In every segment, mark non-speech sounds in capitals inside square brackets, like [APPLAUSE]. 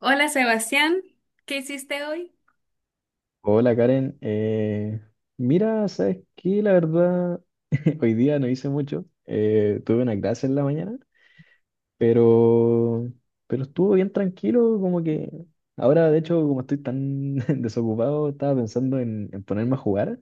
Hola Sebastián, ¿qué hiciste hoy? Hola Karen, mira, sabes que la verdad [LAUGHS] hoy día no hice mucho, tuve una clase en la mañana, pero, pero estuvo bien tranquilo, como que ahora de hecho como estoy tan [LAUGHS] desocupado estaba pensando en ponerme a jugar,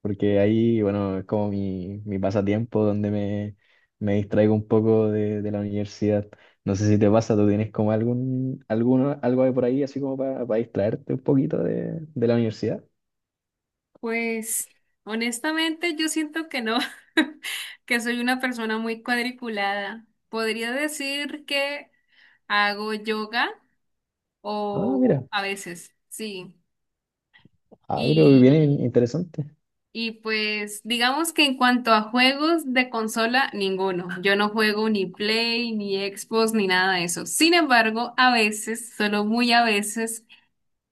porque ahí bueno es como mi pasatiempo donde me distraigo un poco de la universidad. No sé si te pasa, tú tienes como algo ahí por ahí así como para distraerte un poquito de la universidad. Pues honestamente yo siento que no, [LAUGHS] que soy una persona muy cuadriculada. Podría decir que hago yoga Ah, o mira. a veces, sí. Ah, pero Y, bien interesante. y pues digamos que en cuanto a juegos de consola, ninguno. Yo no juego ni Play, ni Xbox, ni nada de eso. Sin embargo, a veces, solo muy a veces,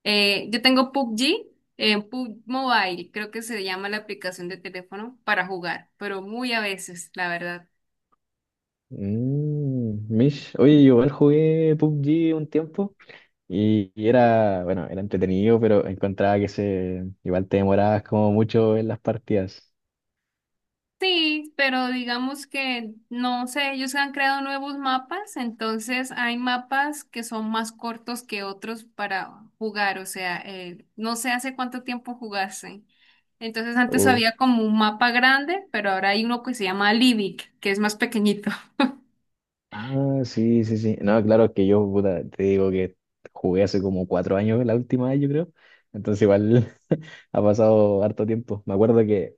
Yo tengo PUBG, PUBG Mobile, creo que se llama la aplicación de teléfono para jugar, pero muy a veces, la verdad. Mm, Mish, oye, yo igual jugué PUBG un tiempo y era, bueno, era entretenido, pero encontraba que se, igual te demorabas como mucho en las partidas. Sí, pero digamos que no sé, ellos han creado nuevos mapas, entonces hay mapas que son más cortos que otros para jugar, o sea, no sé hace cuánto tiempo jugaste. Entonces antes Uh. había como un mapa grande, pero ahora hay uno que se llama Livic, que es más pequeñito. Ah, sí, sí, sí. No, claro, que yo, puta, te digo que jugué hace como cuatro años la última vez, yo creo. Entonces igual [LAUGHS] ha pasado harto tiempo. Me acuerdo que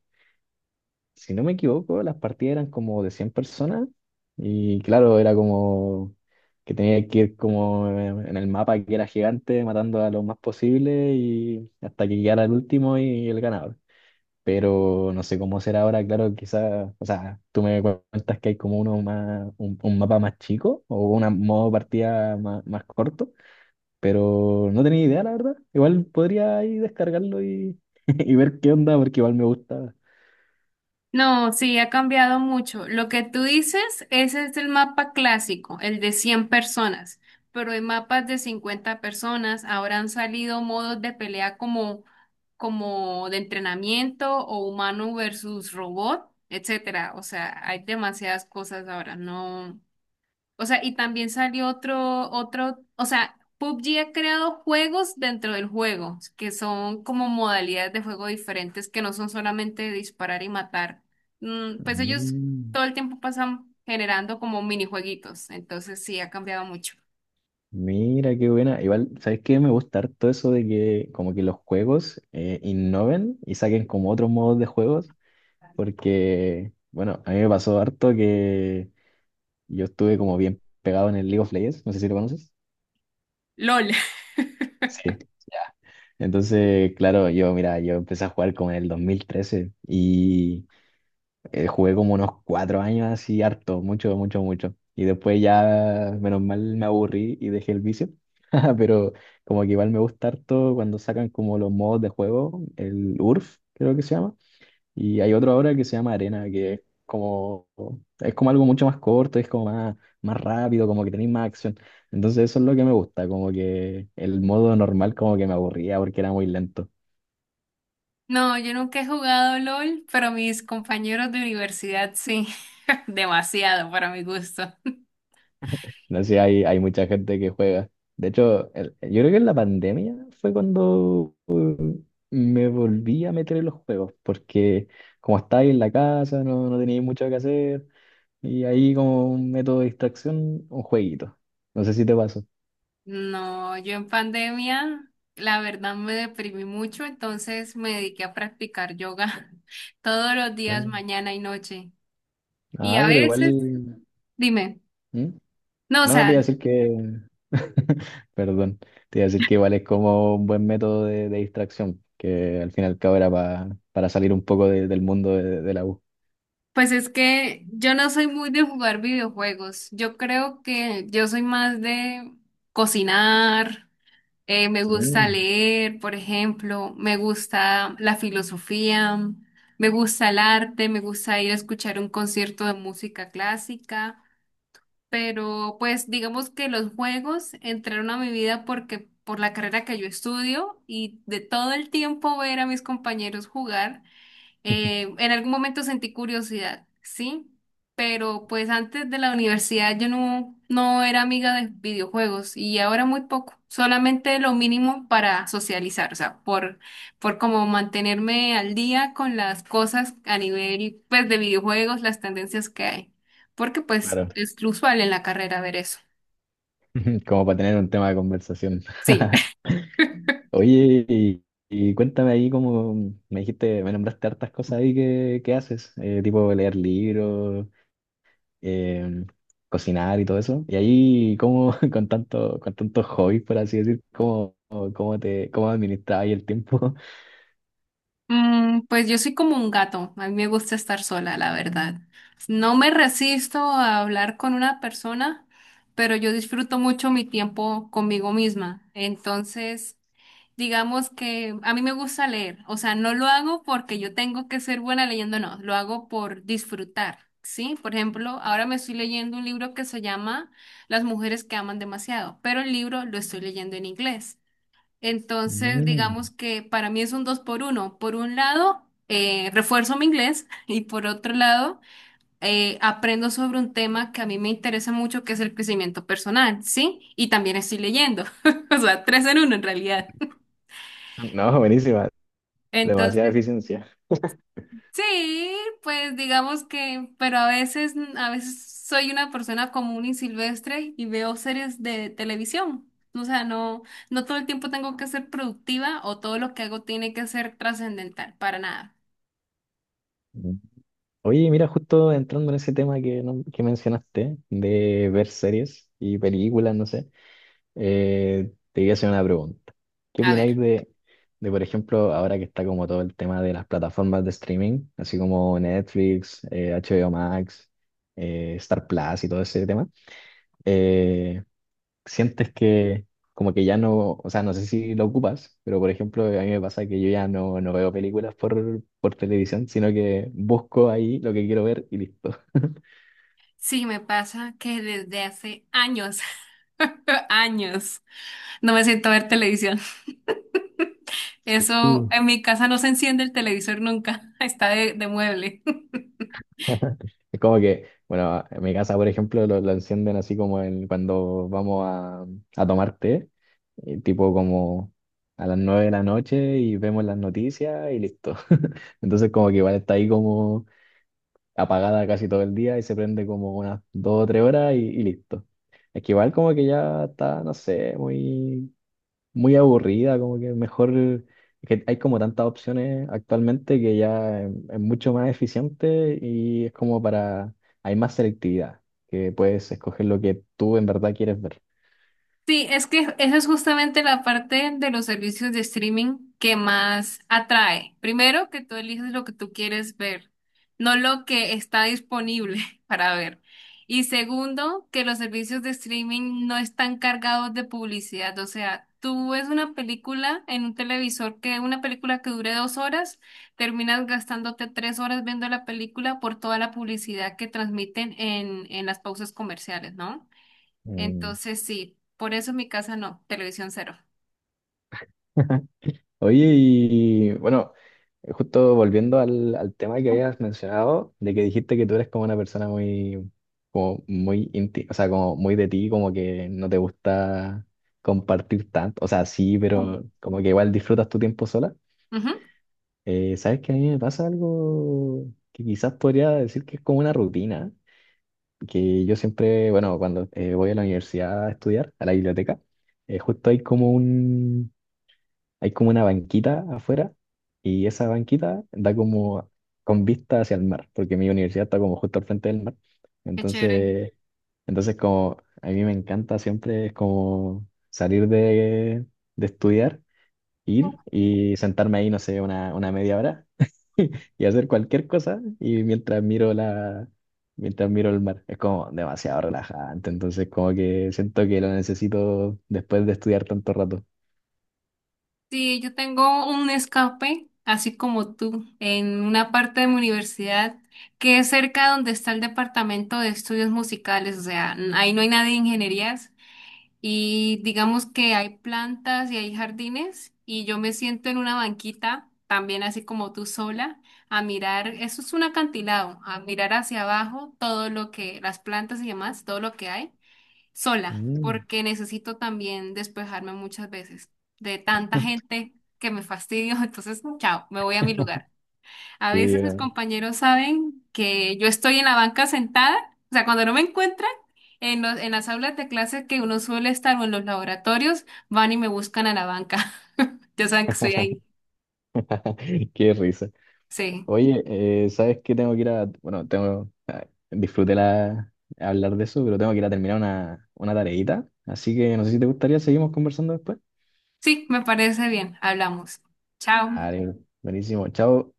si no me equivoco, las partidas eran como de 100 personas y claro, era como que tenía que ir como en el mapa que era gigante, matando a lo más posible y hasta que llegara el último y el ganador. Pero no sé cómo será ahora, claro, quizás, o sea, tú me cuentas que hay como uno más, un mapa más chico o un modo partida más corto, pero no tenía idea, la verdad. Igual podría ahí descargarlo y, [LAUGHS] y ver qué onda, porque igual me gusta. No, sí, ha cambiado mucho. Lo que tú dices, ese es el mapa clásico, el de 100 personas, pero hay mapas de 50 personas. Ahora han salido modos de pelea como, como de entrenamiento o humano versus robot, etcétera. O sea, hay demasiadas cosas ahora. No, o sea, y también salió otro, o sea, PUBG ha creado juegos dentro del juego, que son como modalidades de juego diferentes, que no son solamente disparar y matar. Mm, pues ellos Mm. todo el tiempo pasan generando como minijueguitos, entonces sí, ha cambiado mucho. Mira, qué buena. Igual, ¿sabes qué? Me gusta harto eso de que como que los juegos innoven y saquen como otros modos de juegos, porque, bueno, a mí me pasó harto que yo estuve como bien pegado en el League of Legends, no sé si lo conoces. LOL. [LAUGHS] Sí, ya. Entonces, claro, yo, mira, yo empecé a jugar como en el 2013. Y Jugué como unos cuatro años así, harto, mucho. Y después ya, menos mal, me aburrí y dejé el vicio. [LAUGHS] Pero como que igual me gusta harto cuando sacan como los modos de juego, el URF, creo que se llama. Y hay otro ahora que se llama Arena, que es como, es como algo mucho más corto, es como más rápido, como que tenéis más acción. Entonces eso es lo que me gusta, como que el modo normal como que me aburría porque era muy lento. No, yo nunca he jugado LOL, pero mis compañeros de universidad sí, [LAUGHS] demasiado para mi gusto. No sé, hay mucha gente que juega. De hecho, yo creo que en la pandemia fue cuando me volví a meter en los juegos, porque como estáis en la casa, no teníais mucho que hacer, y ahí como un método de distracción, un jueguito. No sé si te pasó. No, yo en pandemia, la verdad me deprimí mucho, entonces me dediqué a practicar yoga [LAUGHS] todos los días, Vale. mañana y noche. Y Ah, a pero veces, igual... dime, ¿Mm? no, o No, no sea, te iba a decir que... [LAUGHS] Perdón, te iba a decir que igual es como un buen método de distracción, que al fin y al cabo era para salir un poco del mundo de la U. pues es que yo no soy muy de jugar videojuegos. Yo creo que yo soy más de cocinar, me gusta Mm. leer, por ejemplo, me gusta la filosofía, me gusta el arte, me gusta ir a escuchar un concierto de música clásica. Pero pues digamos que los juegos entraron a mi vida porque por la carrera que yo estudio y de todo el tiempo ver a mis compañeros jugar. En algún momento sentí curiosidad, sí, pero pues antes de la universidad yo no, no era amiga de videojuegos y ahora muy poco, solamente lo mínimo para socializar, o sea, por como mantenerme al día con las cosas a nivel pues de videojuegos, las tendencias que hay, porque pues Claro, es usual en la carrera ver eso. [LAUGHS] como para tener un tema de conversación. Sí. [LAUGHS] Oye, y cuéntame ahí cómo me dijiste, me nombraste hartas cosas ahí que haces, tipo leer libros, eh, cocinar y todo eso. Y ahí, ¿cómo [LAUGHS] con tanto, con tantos hobbies, por así decir, cómo cómo administras ahí el tiempo? [LAUGHS] Mm, pues yo soy como un gato, a mí me gusta estar sola, la verdad. No me resisto a hablar con una persona, pero yo disfruto mucho mi tiempo conmigo misma. Entonces, digamos que a mí me gusta leer, o sea, no lo hago porque yo tengo que ser buena leyendo, no, lo hago por disfrutar, ¿sí? Por ejemplo, ahora me estoy leyendo un libro que se llama Las mujeres que aman demasiado, pero el libro lo estoy leyendo en inglés. Entonces, digamos Mm. que para mí es un dos por uno. Por un lado, refuerzo mi inglés [LAUGHS] y por otro lado, aprendo sobre un tema que a mí me interesa mucho, que es el crecimiento personal, ¿sí? Y también estoy leyendo. [LAUGHS] O sea, tres en uno en realidad. No, buenísima, [LAUGHS] demasiada Entonces, eficiencia. sí, pues digamos que, pero a veces soy una persona común y silvestre y veo series de televisión. O sea, no, no todo el tiempo tengo que ser productiva o todo lo que hago tiene que ser trascendental, para nada. Mm. Oye, mira, justo entrando en ese tema que, que mencionaste, de ver series y películas, no sé. Te voy a hacer una pregunta. ¿Qué A ver, opináis de, por ejemplo, ahora que está como todo el tema de las plataformas de streaming, así como Netflix, HBO Max, Star Plus y todo ese tema? Eh, ¿Sientes que como que ya no, o sea, no sé si lo ocupas, pero por ejemplo, a mí me pasa que yo ya no, no veo películas por televisión, sino que busco ahí lo que quiero ver y listo. sí me pasa que desde hace años, [LAUGHS] años, no me siento a ver televisión. Eso, en mi casa no se enciende el televisor nunca, [LAUGHS] está de mueble. [LAUGHS] Es como que, bueno, en mi casa, por ejemplo, lo encienden así como en cuando vamos a tomar té, tipo como a las nueve de la noche y vemos las noticias y listo. [LAUGHS] Entonces como que igual está ahí como apagada casi todo el día y se prende como unas dos o tres horas y listo. Es que igual como que ya está, no sé, muy aburrida, como que mejor, es que hay como tantas opciones actualmente que ya es mucho más eficiente y es como para, hay más selectividad, que puedes escoger lo que tú en verdad quieres ver. Sí, es que esa es justamente la parte de los servicios de streaming que más atrae. Primero, que tú eliges lo que tú quieres ver, no lo que está disponible [LAUGHS] para ver. Y segundo, que los servicios de streaming no están cargados de publicidad. O sea, tú ves una película en un televisor que una película que dure dos horas, terminas gastándote tres horas viendo la película por toda la publicidad que transmiten en las pausas comerciales, ¿no? Mm. Entonces sí, por eso en mi casa no, televisión cero. [LAUGHS] Oye, y bueno, justo volviendo al tema que habías mencionado, de que dijiste que tú eres como una persona como muy o sea, como muy de ti, como que no te gusta compartir tanto, o sea, sí, Ujú. pero como que igual disfrutas tu tiempo sola. ¿Sabes que a mí me pasa algo que quizás podría decir que es como una rutina, que yo siempre, bueno, cuando voy a la universidad a estudiar, a la biblioteca, justo hay como hay como una banquita afuera y esa banquita da como con vista hacia el mar, porque mi universidad está como justo al frente del mar. Qué chévere. Entonces, entonces como a mí me encanta siempre es como salir de estudiar, ir y sentarme ahí, no sé, una media hora [LAUGHS] y hacer cualquier cosa y mientras miro la mientras miro el mar es como demasiado relajante, entonces como que siento que lo necesito después de estudiar tanto rato. Sí, yo tengo un escape, así como tú, en una parte de mi universidad que es cerca donde está el departamento de estudios musicales, o sea, n- ahí no hay nadie de ingenierías, y digamos que hay plantas y hay jardines y yo me siento en una banquita, también así como tú sola, a mirar, eso es un acantilado, a mirar hacia abajo todo lo que, las plantas y demás, todo lo que hay, sola, Mm, porque necesito también despejarme muchas veces de tanta gente que me fastidio, [LAUGHS] entonces, chao, me voy a mi lugar. A sí, veces mis no. compañeros saben que yo estoy en la banca sentada, o sea, cuando no me encuentran en las aulas de clase que uno suele estar o en los laboratorios, van y me buscan a la banca. [LAUGHS] Ya saben que estoy ahí. [LAUGHS] Qué risa. Sí, Oye, sabes que tengo que ir a bueno tengo, disfruté la hablar de eso, pero tengo que ir a terminar una tareita, así que no sé si te gustaría seguimos conversando después. sí, me parece bien. Hablamos. Chao. Vale, buenísimo, chao.